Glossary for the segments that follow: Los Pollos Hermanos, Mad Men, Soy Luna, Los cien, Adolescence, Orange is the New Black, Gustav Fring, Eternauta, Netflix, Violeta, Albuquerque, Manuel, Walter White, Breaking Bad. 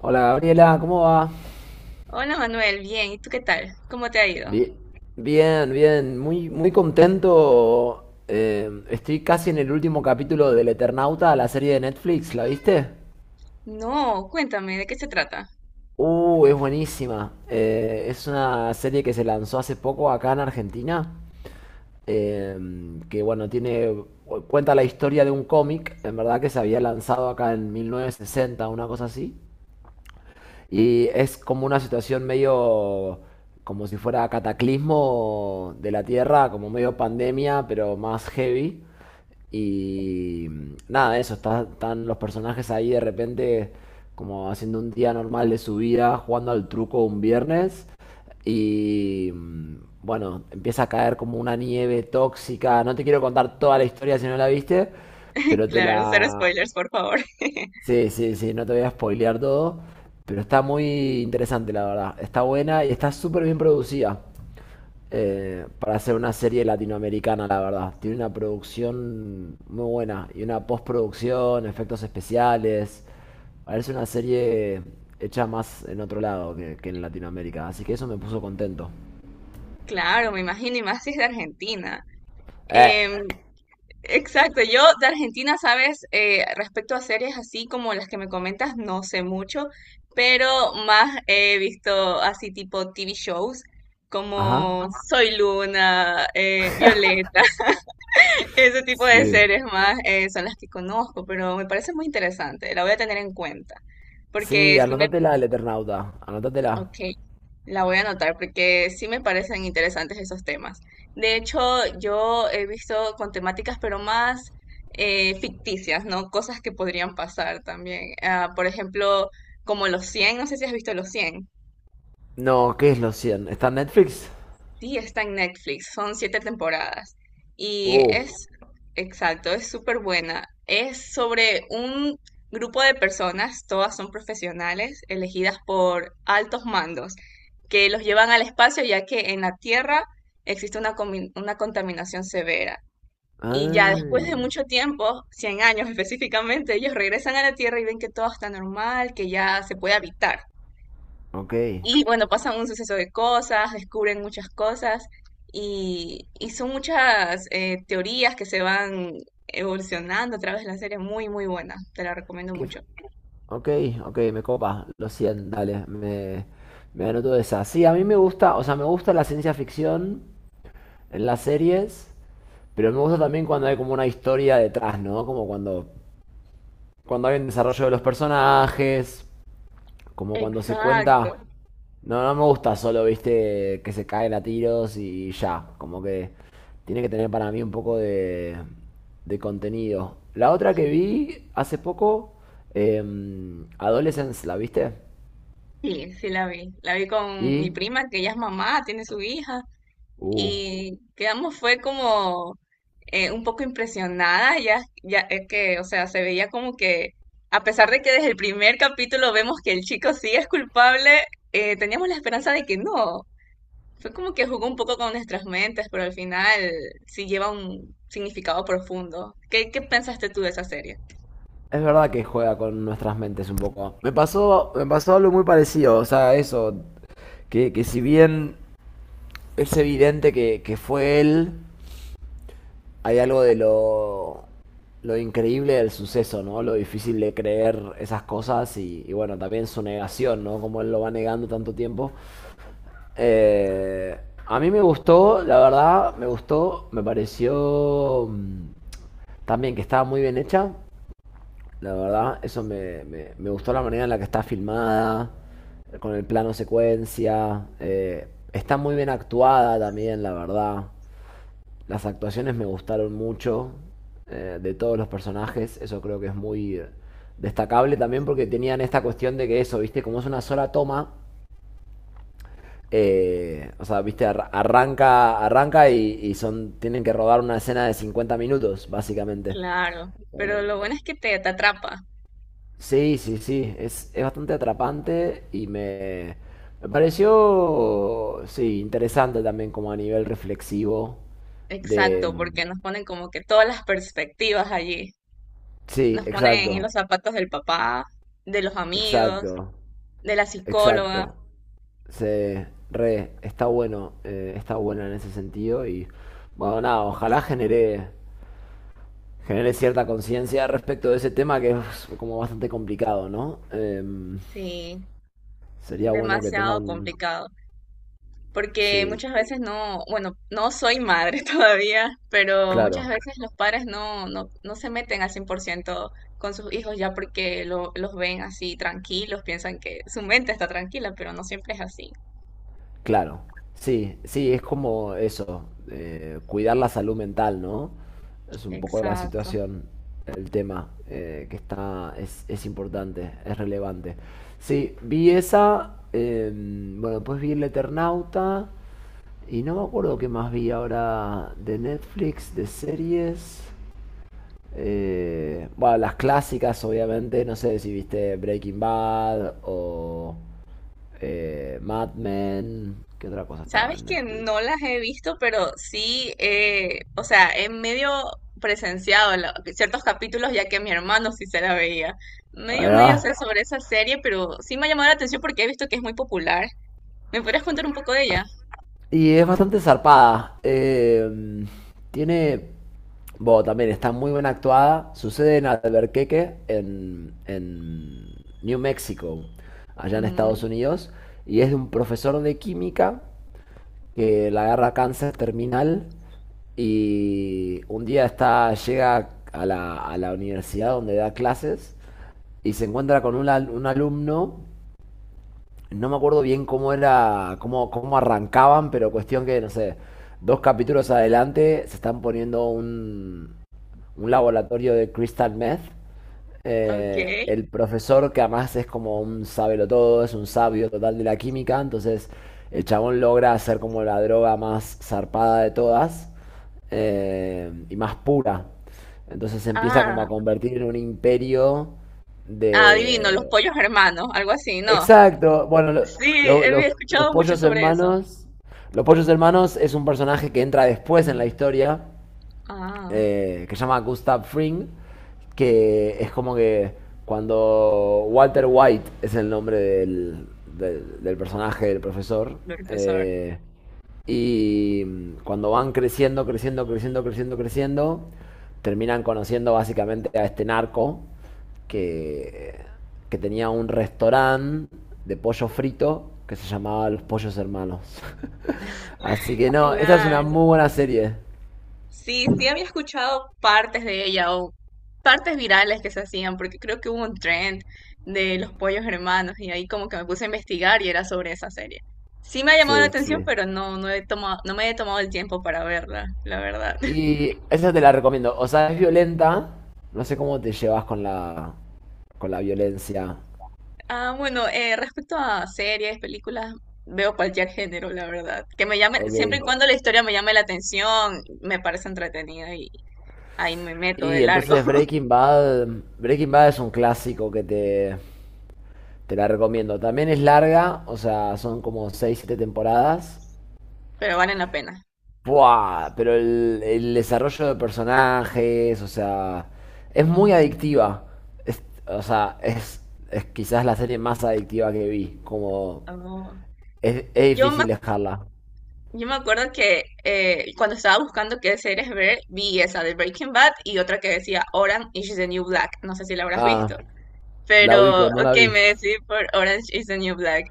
Hola Gabriela, ¿cómo va? Hola Manuel, bien, ¿y tú qué tal? ¿Cómo te ha ido? Bien, bien, bien. Muy, muy contento. Estoy casi en el último capítulo del Eternauta, la serie de Netflix, ¿la viste? No, cuéntame, ¿de qué se trata? Es buenísima. Es una serie que se lanzó hace poco acá en Argentina. eh, que bueno, cuenta la historia de un cómic, en verdad que se había lanzado acá en 1960, una cosa así. Y es como una situación medio como si fuera cataclismo de la Tierra, como medio pandemia, pero más heavy. Y nada, eso, están los personajes ahí de repente como haciendo un día normal de su vida, jugando al truco un viernes. Y bueno, empieza a caer como una nieve tóxica. No te quiero contar toda la historia si no la viste, pero te Claro, cero la. spoilers, por favor. Sí, sí, sí, no te voy a spoilear todo, pero está muy interesante, la verdad. Está buena y está súper bien producida para hacer una serie latinoamericana, la verdad. Tiene una producción muy buena y una postproducción, efectos especiales. Parece una serie hecha más en otro lado que en Latinoamérica, así que eso me puso contento. Claro, me imagino, y más si es de Argentina. Eh, Em, exacto, yo de Argentina, sabes. Respecto a series así como las que me comentas, no sé mucho, pero más he visto así tipo TV shows ajá. como Soy Luna, Violeta. Ese tipo de Sí. series más son las que conozco, pero me parece muy interesante. La voy a tener en cuenta, Sí, porque anótatela el Eternauta, anótatela. ok, la voy a anotar, porque sí me parecen interesantes esos temas. De hecho, yo he visto con temáticas, pero más ficticias, ¿no? Cosas que podrían pasar también. Ah, por ejemplo, como Los cien, no sé si has visto Los cien. No, ¿qué es los 100? ¿Está en Netflix? Sí, está en Netflix, son siete temporadas. Y Uh. es, exacto, es súper buena. Es sobre un grupo de personas, todas son profesionales, elegidas por altos mandos, que los llevan al espacio ya que en la Tierra existe una, una contaminación severa. Y ya Ah, después de mucho tiempo, 100 años específicamente, ellos regresan a la Tierra y ven que todo está normal, que ya se puede habitar. ok. Y bueno, pasan un suceso de cosas, descubren muchas cosas y son muchas teorías que se van evolucionando a través de la serie, muy, muy buena, te la recomiendo Qué f- mucho. ok, ok, me copa. Lo siento, dale, me anoto esa. Sí, a mí me gusta, o sea, me gusta la ciencia ficción en las series, pero me gusta también cuando hay como una historia detrás, ¿no? Como cuando hay un desarrollo de los personajes. Como cuando se Exacto, cuenta. No, no me gusta solo, viste, que se caen a tiros y ya. Como que tiene que tener para mí un poco de contenido. La otra que vi hace poco, Adolescence, ¿la viste? sí, sí la vi. La vi con mi Y. prima, que ella es mamá, tiene su hija, Uh. y quedamos, fue como un poco impresionada. Ya es que, o sea, se veía como que, a pesar de que desde el primer capítulo vemos que el chico sí es culpable, teníamos la esperanza de que no. Fue como que jugó un poco con nuestras mentes, pero al final sí lleva un significado profundo. ¿Qué pensaste tú de esa serie? Es verdad que juega con nuestras mentes un poco. Me pasó algo muy parecido. O sea, eso. Que si bien es evidente que fue él, hay algo de lo increíble del suceso, ¿no? Lo difícil de creer esas cosas y bueno, también su negación, ¿no? Como él lo va negando tanto tiempo. Eh, a mí me gustó, la verdad, me gustó, me pareció también que estaba muy bien hecha, la verdad, eso me gustó la manera en la que está filmada, con el plano secuencia, está muy bien actuada también, la verdad. Las actuaciones me gustaron mucho de todos los personajes, eso creo que es muy destacable también porque tenían esta cuestión de que eso, viste, como es una sola toma, o sea, viste, arranca y son, tienen que rodar una escena de 50 minutos, básicamente. Claro, pero lo bueno es que te atrapa. Sí, sí, sí, es bastante atrapante y me pareció, sí, interesante también como a nivel reflexivo de. Exacto, Mm, porque nos ponen como que todas las perspectivas allí. sí, Nos ponen en exacto, los zapatos del papá, de los amigos, exacto. de la psicóloga. Exacto. Se re, está bueno en ese sentido y bueno, nada, ojalá genere, genere cierta conciencia respecto de ese tema que es como bastante complicado, ¿no? Sí, Sería bueno que tenga demasiado un. complicado. Porque Sí, muchas veces no, bueno, no soy madre todavía, pero muchas claro. veces los padres no se meten al 100% con sus hijos ya porque los ven así tranquilos, piensan que su mente está tranquila, pero no siempre es así. Claro, sí, sí, es como eso, cuidar la salud mental, ¿no? Es un poco la Exacto. situación, el tema que está, es importante, es relevante. Sí, vi esa, bueno, después vi El Eternauta y no me acuerdo qué más vi ahora de Netflix, de series. Bueno, las clásicas, obviamente, no sé si viste Breaking Bad o Mad Men, ¿qué otra cosa estaba Sabes en que Netflix? no las he visto, pero sí, o sea, he medio presenciado ciertos capítulos ya que mi hermano sí se la veía. Medio, Ahí va. medio sé sobre esa serie, pero sí me ha llamado la atención porque he visto que es muy popular. ¿Me podrías contar un poco de ella? Y es bastante zarpada. Tiene, bueno, también está muy bien actuada. Sucede en Albuquerque, en New Mexico, allá en Estados Mm, Unidos. Y es de un profesor de química que la agarra cáncer terminal. Y un día está, llega a la universidad donde da clases y se encuentra con un alumno. No me acuerdo bien cómo era, cómo, cómo arrancaban, pero cuestión que, no sé, dos capítulos adelante se están poniendo un laboratorio de crystal meth. Okay. El profesor, que además es como un todo, es un sabio total de la química, entonces el chabón logra hacer como la droga más zarpada de todas y más pura. Entonces se empieza como Ah, a convertir en un imperio ah, adivino, los de, pollos hermanos, algo así, ¿no? Exacto. Bueno, lo- Sí, lo- los, había los escuchado mucho pollos sobre eso. hermanos. Los pollos hermanos es un personaje que entra después en la historia, Ah, que se llama Gustav Fring, que es como que cuando Walter White es el nombre del, del personaje del profesor. profesor. eh, y cuando van creciendo, creciendo, creciendo, creciendo, creciendo, terminan conociendo básicamente a este narco que, que tenía un restaurante de pollo frito que se llamaba Los Pollos Hermanos. Así que no, esta es una Claro. muy buena serie. Sí, sí había escuchado partes de ella o partes virales que se hacían, porque creo que hubo un trend de los pollos hermanos y ahí como que me puse a investigar y era sobre esa serie. Sí me ha llamado la Sí, atención, sí. pero no, no he tomado, no me he tomado el tiempo para verla, la verdad. Y esa te la recomiendo. O sea, es violenta. No sé cómo te llevas con con la violencia. Ah, bueno, respecto a series, películas, veo cualquier género, la verdad. Que me llame, Ok. siempre y cuando la historia me llame la atención, me parece entretenida y ahí me meto de Y largo. entonces Breaking Bad, Breaking Bad es un clásico que te la recomiendo. También es larga, o sea, son como 6 7 temporadas. Pero valen la pena. ¡Buah! Pero el desarrollo de personajes, o sea, es muy adictiva. O sea, es quizás la serie más adictiva que vi. Como Oh. Es Yo me, difícil dejarla. yo me acuerdo que cuando estaba buscando qué series ver, vi esa de Breaking Bad y otra que decía Orange is the New Black. No sé si la habrás Ah, visto, la pero ubico, no ok, la vi. me decidí por Orange is the New Black.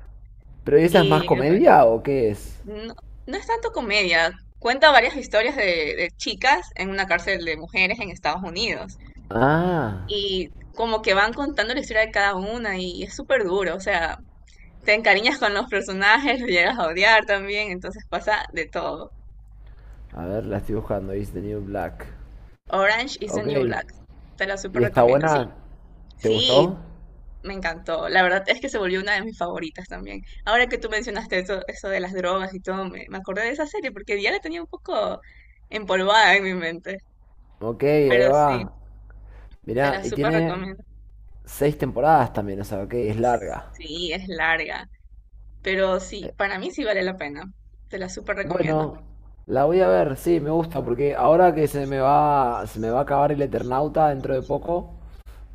Pero ¿y esa es más Y comedia o qué es? no, no es tanto comedia. Cuenta varias historias de chicas en una cárcel de mujeres en Estados Unidos. Ah, Y como que van contando la historia de cada una y es súper duro. O sea, te encariñas con los personajes, lo llegas a odiar también, entonces pasa de todo. a ver, la estoy buscando. Is the New Black. Orange is the Ok, New Black. Te la ¿y súper está recomiendo, sí. buena? ¿Te Sí, gustó? me encantó. La verdad es que se volvió una de mis favoritas también. Ahora que tú mencionaste eso, eso de las drogas y todo, me acordé de esa serie porque ya la tenía un poco empolvada en mi mente. Ok, ahí Pero sí. va. Te Mirá, la y súper tiene recomiendo. seis temporadas también, o sea, ok, es larga. Sí, es larga, pero sí, para mí sí vale la pena. Te la súper recomiendo. Bueno, la voy a ver, sí, me gusta, porque ahora que se me va a acabar el Eternauta dentro de poco,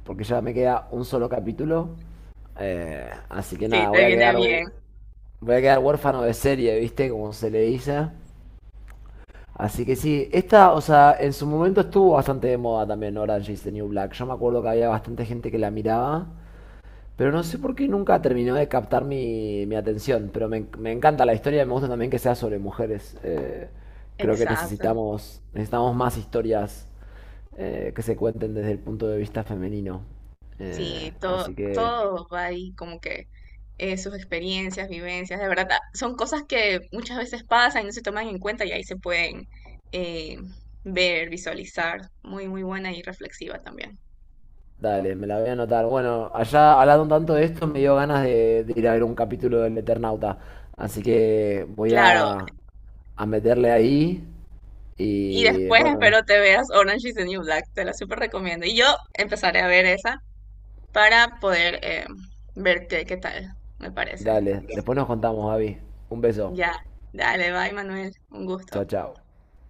porque ya me queda un solo capítulo, así que Sí, nada, te viene bien. voy a quedar huérfano de serie, ¿viste? Como se le dice. Así que sí, esta, o sea, en su momento estuvo bastante de moda también Orange is the New Black. Yo me acuerdo que había bastante gente que la miraba, pero no sé por qué nunca terminó de captar mi atención. Pero me encanta la historia y me gusta también que sea sobre mujeres. Creo que Exacto. necesitamos, necesitamos más historias que se cuenten desde el punto de vista femenino. Sí, todo, Así que todo va ahí como que sus experiencias, vivencias, de verdad, son cosas que muchas veces pasan y no se toman en cuenta y ahí se pueden eh, ver, visualizar. Muy, muy buena y reflexiva también. dale, me la voy a anotar. Bueno, allá hablando tanto de esto, me dio ganas de ir a ver un capítulo del Eternauta. Así que voy Claro, a meterle ahí. y Y después bueno, espero te veas Orange is the New Black, te la súper recomiendo. Y yo empezaré a ver esa para poder ver qué tal, me parece. dale. Después nos contamos, David. Un beso. Ya, dale, bye Manuel, un Chao, gusto. chao.